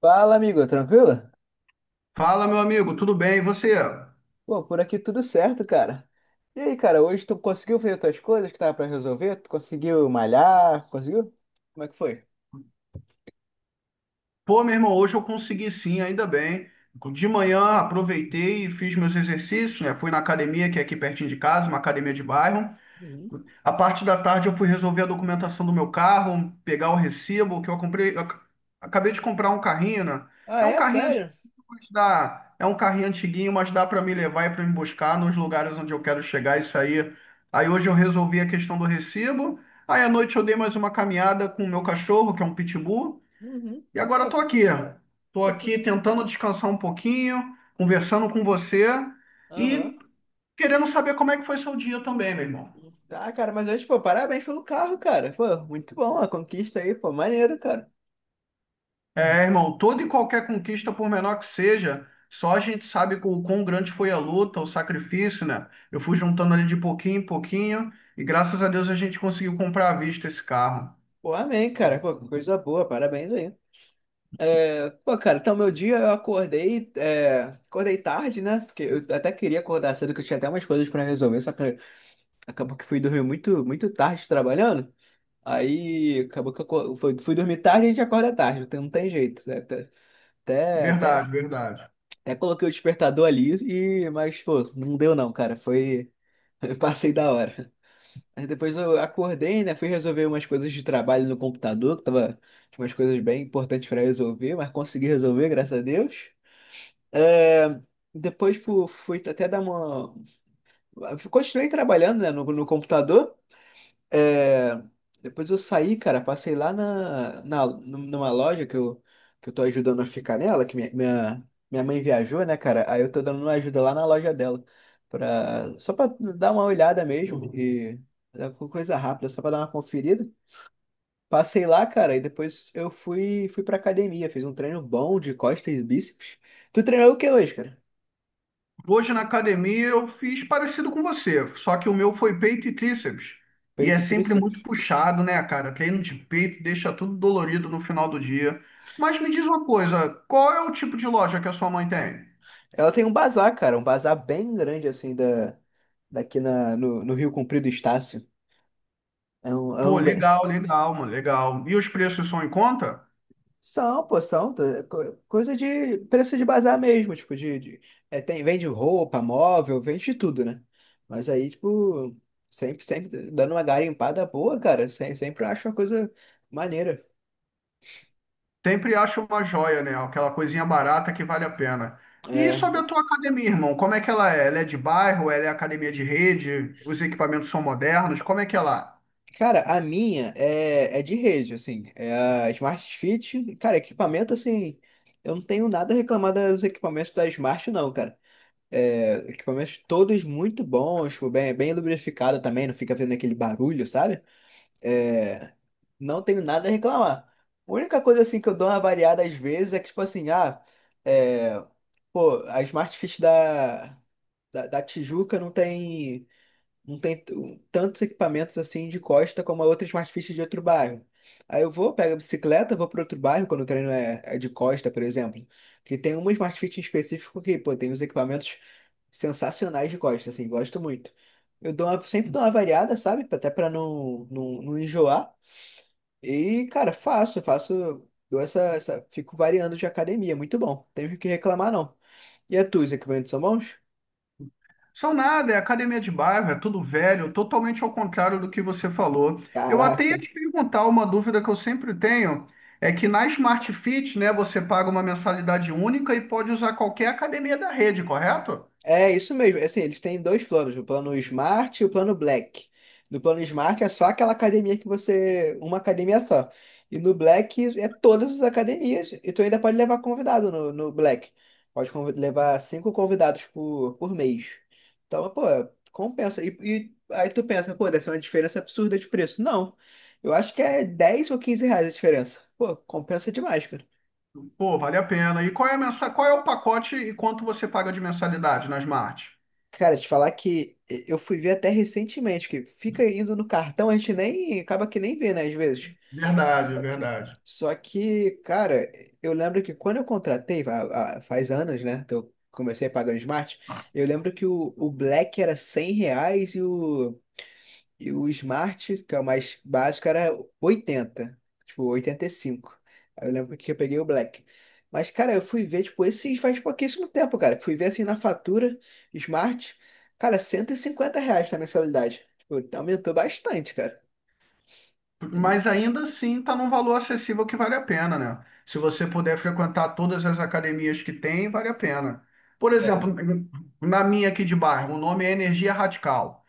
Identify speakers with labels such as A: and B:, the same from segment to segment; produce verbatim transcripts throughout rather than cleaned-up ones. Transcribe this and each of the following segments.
A: Fala, amigo, tranquilo?
B: Fala, meu amigo, tudo bem? E você?
A: Pô, por aqui tudo certo, cara. E aí, cara, hoje tu conseguiu fazer tuas coisas que tava pra resolver? Tu conseguiu malhar? Conseguiu? Como é que foi?
B: Pô, meu irmão, hoje eu consegui sim, ainda bem. De manhã aproveitei e fiz meus exercícios, né? Fui na academia, que é aqui pertinho de casa, uma academia de bairro. A parte da tarde eu fui resolver a documentação do meu carro, pegar o recibo que eu comprei. Eu ac- acabei de comprar um carrinho, né?
A: Ah,
B: É um
A: é?
B: carrinho antiguinho,
A: Sério?
B: mas dá, É um carrinho antiguinho, mas dá para me levar e para me buscar nos lugares onde eu quero chegar e sair. Aí hoje eu resolvi a questão do recibo. Aí à noite eu dei mais uma caminhada com o meu cachorro, que é um pitbull,
A: Uhum.
B: e agora
A: Pô,
B: estou aqui. Estou
A: pô, que...
B: aqui tentando descansar um pouquinho, conversando com você
A: Aham.
B: e querendo saber como é que foi seu dia também, meu irmão.
A: Ah, cara, mas hoje, pô, parabéns pelo carro, cara. Pô, muito bom a conquista aí, pô, maneiro, cara.
B: É, irmão, toda e qualquer conquista, por menor que seja, só a gente sabe o quão grande foi a luta, o sacrifício, né? Eu fui juntando ali de pouquinho em pouquinho e graças a Deus a gente conseguiu comprar à vista esse carro.
A: Pô, amém, cara. Pô, coisa boa, parabéns aí. É, pô, cara, então meu dia eu acordei, é, acordei tarde, né? Porque eu até queria acordar cedo, que eu tinha até umas coisas pra resolver, só que acabou que fui dormir muito, muito tarde trabalhando. Aí acabou que eu co- fui, fui dormir tarde e a gente acorda tarde, então não tem jeito, né? Até, até, até,
B: Verdade, verdade.
A: até coloquei o despertador ali, e, mas pô, não deu não, cara. Foi. Eu passei da hora. Aí depois eu acordei, né? Fui resolver umas coisas de trabalho no computador, que tava, tinha umas coisas bem importantes para resolver, mas consegui resolver, graças a Deus. É, Depois pô, fui até dar uma. Continuei trabalhando, né, no, no computador. É, Depois eu saí, cara, passei lá na, na, numa loja que eu, que eu tô ajudando a ficar nela, que minha, minha, minha mãe viajou, né, cara? Aí eu tô dando uma ajuda lá na loja dela, pra, só pra dar uma olhada mesmo, e é coisa rápida, só pra dar uma conferida. Passei lá, cara, e depois eu fui, fui pra academia, fiz um treino bom de costas e bíceps. Tu treinou o que hoje, cara?
B: Hoje na academia eu fiz parecido com você, só que o meu foi peito e tríceps. E é
A: Peito e
B: sempre
A: tríceps.
B: muito puxado, né, cara? Treino de peito deixa tudo dolorido no final do dia. Mas me diz uma coisa, qual é o tipo de loja que a sua mãe tem?
A: Ela tem um bazar, cara, um bazar bem grande, assim, da, daqui na, no, no Rio Comprido Estácio. É um, é
B: Pô,
A: um bem...
B: legal, legal, mano, legal. E os preços são em conta?
A: São, pô, são. Tá, co- coisa de preço de bazar mesmo, tipo, de, de- é, tem, vende roupa, móvel, vende de tudo, né? Mas aí, tipo, sempre, sempre dando uma garimpada boa, cara, sempre, sempre eu acho uma coisa maneira.
B: Sempre acho uma joia, né? Aquela coisinha barata que vale a pena. E sobre
A: É,
B: a tua academia, irmão, como é que ela é? Ela é de bairro? Ela é academia de rede? Os equipamentos são modernos? Como é que ela é?
A: cara, a minha é, é de rede, assim, é a Smart Fit. Cara, equipamento, assim, eu não tenho nada a reclamar dos equipamentos da Smart, não, cara. É, equipamentos todos muito bons, tipo, bem, bem lubrificado também, não fica vendo aquele barulho, sabe? É, não tenho nada a reclamar. A única coisa assim que eu dou uma variada às vezes é que, tipo assim, ah, é, pô, a Smart Fit da, da, da Tijuca não tem não tem t- um, tantos equipamentos assim de costa como a outra Smart Fit de outro bairro. Aí eu vou, pego a bicicleta, vou para outro bairro, quando o treino é, é de costa, por exemplo, que tem uma Smart Fit em específico que, pô, tem uns equipamentos sensacionais de costa, assim, gosto muito. Eu dou uma- sempre dou uma variada, sabe? Até para não, não, não enjoar. E, cara, faço, faço, dou essa, essa, fico variando de academia, muito bom. Tenho que reclamar, não. E a tua, os equipamentos são bons?
B: São nada, é academia de bairro, é tudo velho, totalmente ao contrário do que você falou. Eu até
A: Caraca.
B: ia te perguntar uma dúvida que eu sempre tenho, é que na Smart Fit, né, você paga uma mensalidade única e pode usar qualquer academia da rede, correto?
A: É isso mesmo. Assim, eles têm dois planos, o plano Smart e o plano Black. No plano Smart é só aquela academia que você, uma academia só. E no Black é todas as academias. E tu ainda pode levar convidado no, no Black. Pode convi- levar cinco convidados por, por mês. Então, pô, compensa. E, e aí tu pensa, pô, deve ser uma diferença absurda de preço. Não. Eu acho que é dez ou quinze reais a diferença. Pô, compensa demais, cara.
B: Pô, vale a pena. E qual é a mensa... qual é o pacote e quanto você paga de mensalidade na Smart?
A: Cara, te falar que eu fui ver até recentemente, que fica indo no cartão, a gente nem acaba que nem vê, né, às vezes.
B: Verdade,
A: Só que,
B: verdade.
A: só que, cara, eu lembro que quando eu contratei, fa- a- faz anos, né, que eu comecei pagando Smart, eu lembro que o, o Black era cem reais e o Smart, que é o mais básico, era oitenta tipo oitenta e cinco. Aí eu lembro que eu peguei o Black. Mas, cara, eu fui ver, tipo, esses faz pouquíssimo tempo, cara. Fui ver assim na fatura, Smart, cara, cento e cinquenta reais na mensalidade. Tipo, aumentou bastante, cara. E...
B: Mas ainda assim está num valor acessível que vale a pena, né? Se você puder frequentar todas as academias que tem, vale a pena. Por exemplo, na minha aqui de bairro, o nome é Energia Radical.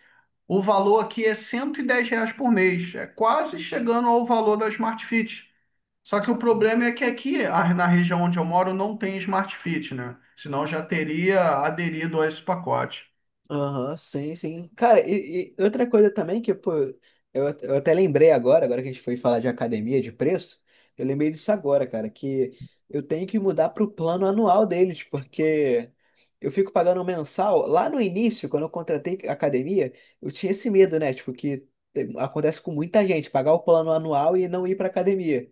B: O valor aqui é cento e dez reais por mês, é quase chegando ao valor da Smart Fit. Só que o problema é que aqui, a- na região onde eu moro, não tem Smart Fit, né? Senão eu já teria aderido a esse pacote.
A: Aham, sim, sim. Cara, e, e outra coisa também que, pô, eu, eu até lembrei agora, agora que a gente foi falar de academia, de preço, eu lembrei disso agora, cara, que eu tenho que mudar pro plano anual deles, porque eu fico pagando mensal. Lá no início, quando eu contratei academia, eu tinha esse medo, né? Tipo, que tem- acontece com muita gente, pagar o plano anual e não ir pra academia.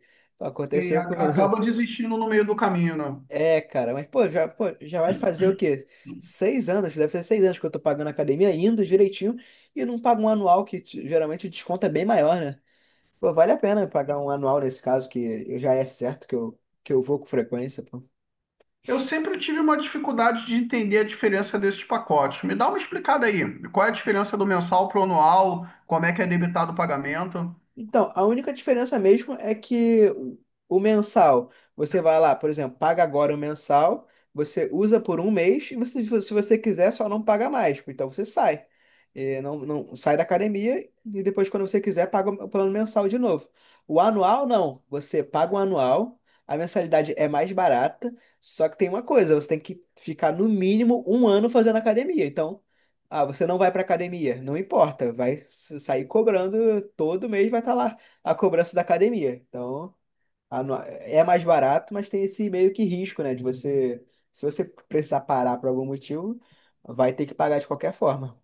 B: Sim,
A: Aconteceu
B: a-
A: com,
B: acaba desistindo no meio do caminho, né?
A: é, cara, mas pô, já, pô, já vai fazer o quê? Seis anos, deve fazer seis anos que eu tô pagando a academia, indo direitinho, e não pago um anual que t- geralmente o desconto é bem maior, né? Pô, vale a pena pagar um anual nesse caso, que eu já é certo que eu, que eu vou com frequência, pô.
B: Eu sempre tive uma dificuldade de entender a diferença desses pacotes. Me dá uma explicada aí. Qual é a diferença do mensal para o anual? Como é que é debitado o pagamento?
A: Então, a única diferença mesmo é que o o mensal, você vai lá, por exemplo, paga agora o mensal, você usa por um mês e você, se você quiser, só não paga mais. Então você sai. Eh, não, não sai da academia e depois, quando você quiser, paga o plano mensal de novo. O anual, não. Você paga o anual, a mensalidade é mais barata, só que tem uma coisa, você tem que ficar no mínimo um ano fazendo academia. Então, ah, você não vai para academia. Não importa, vai s- sair cobrando todo mês, vai estar lá a cobrança da academia. Então, a no- é mais barato, mas tem esse meio que risco, né? De você, se você precisar parar por algum motivo, vai ter que pagar de qualquer forma.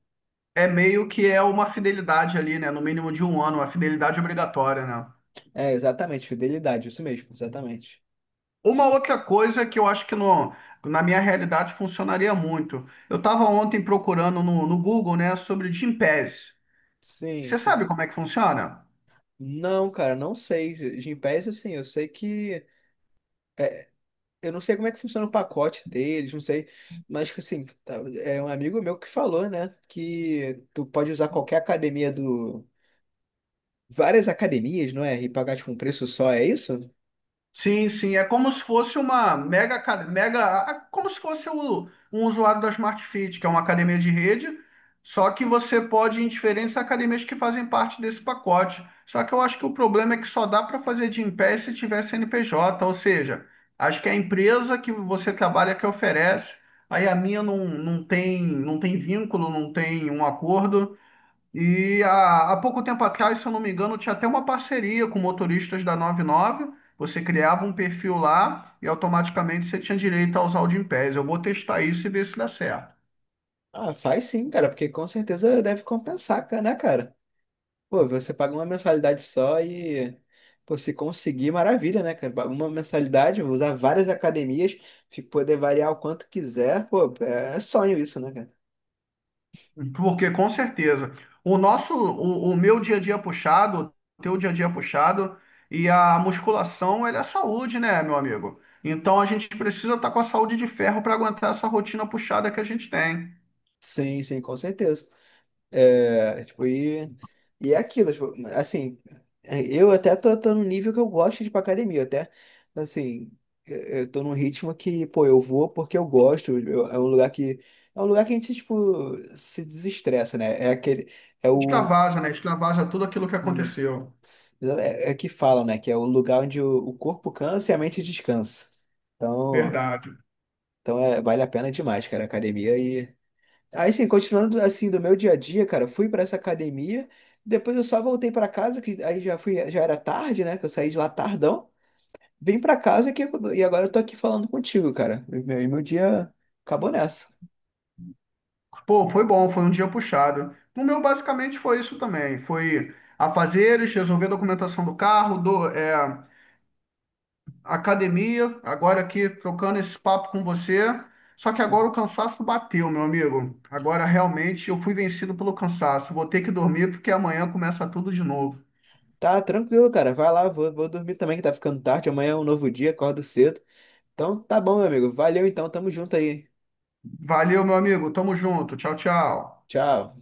B: É meio que é uma fidelidade ali, né? No mínimo de um ano, uma fidelidade obrigatória, né?
A: É, exatamente, fidelidade, isso mesmo, exatamente.
B: Uma outra coisa que eu acho que no, na minha realidade funcionaria muito. Eu estava ontem procurando no, no Google, né, sobre Gympass.
A: Sim,
B: Você
A: sim.
B: sabe como é que funciona?
A: Não, cara, não sei. Gympass, assim, eu sei que. é, Eu não sei como é que funciona o pacote deles, não sei. Mas, tipo assim, tá- é um amigo meu que falou, né? Que tu pode usar qualquer academia do. Várias academias, não é? E pagar, tipo, um preço só, é isso?
B: Sim, sim, é como se fosse uma mega, aca- mega, a- a- como se fosse o- um usuário da Smart Fit, que é uma academia de rede, só que você pode ir em diferentes academias que fazem parte desse pacote. Só que eu acho que o problema é que só dá para fazer de em pé se tiver C N P J, ou seja, acho que é a empresa que você trabalha que oferece, aí a minha não, não tem, não tem vínculo, não tem um acordo, e há, há pouco tempo atrás, se eu não me engano, tinha até uma parceria com motoristas da noventa e nove. Você criava um perfil lá e automaticamente você tinha direito a usar o Gympass. Eu vou testar isso e ver se dá certo.
A: Ah, faz sim, cara, porque com certeza deve compensar, ca- né, cara? Pô, você paga uma mensalidade só e. Pô, se conseguir, maravilha, né, cara? Paga uma mensalidade, vou usar várias academias, fi- poder variar o quanto quiser, pô, é sonho isso, né, cara?
B: Porque com certeza, o nosso, o, o meu dia a dia puxado, o teu dia a dia puxado e a musculação, ela é saúde, né, meu amigo? Então a gente precisa estar com a saúde de ferro para aguentar essa rotina puxada que a gente tem.
A: Sim, sim, com certeza. É, tipo, e, e é aquilo, tipo, assim, é, eu até tô, tô num nível que eu gosto de ir pra academia, até, assim, eu eu tô num ritmo que, pô, eu vou porque eu gosto, eu- é um lugar que, é um lugar que a gente, tipo, se desestressa, né, é aquele, é o,
B: Extravasa, né? Extravasa tudo aquilo que
A: isso.
B: aconteceu.
A: é, é que falam, né, que é o lugar onde o, o corpo cansa e a mente descansa, então,
B: Verdade.
A: então é, vale a pena demais, cara, a academia. Aí, assim, continuando assim do meu dia a dia, cara, eu fui pra essa academia, depois eu só voltei pra casa, que aí já fui, já era tarde, né? Que eu saí de lá tardão, vim pra casa que, e agora eu tô aqui falando contigo, cara. E meu, e meu dia acabou nessa.
B: Pô, foi bom, foi um dia puxado. O meu, basicamente, foi isso também. Foi afazeres, resolver a documentação do carro, do, é, academia, agora aqui trocando esse papo com você. Só que agora o cansaço bateu, meu amigo. Agora, realmente, eu fui vencido pelo cansaço. Vou ter que dormir porque amanhã começa tudo de novo.
A: Tá tranquilo, cara. Vai lá, vou, vou dormir também, que tá ficando tarde. Amanhã é um novo dia, acordo cedo. Então tá bom, meu amigo. Valeu então, tamo junto aí.
B: Valeu, meu amigo. Tamo junto. Tchau, tchau.
A: Tchau.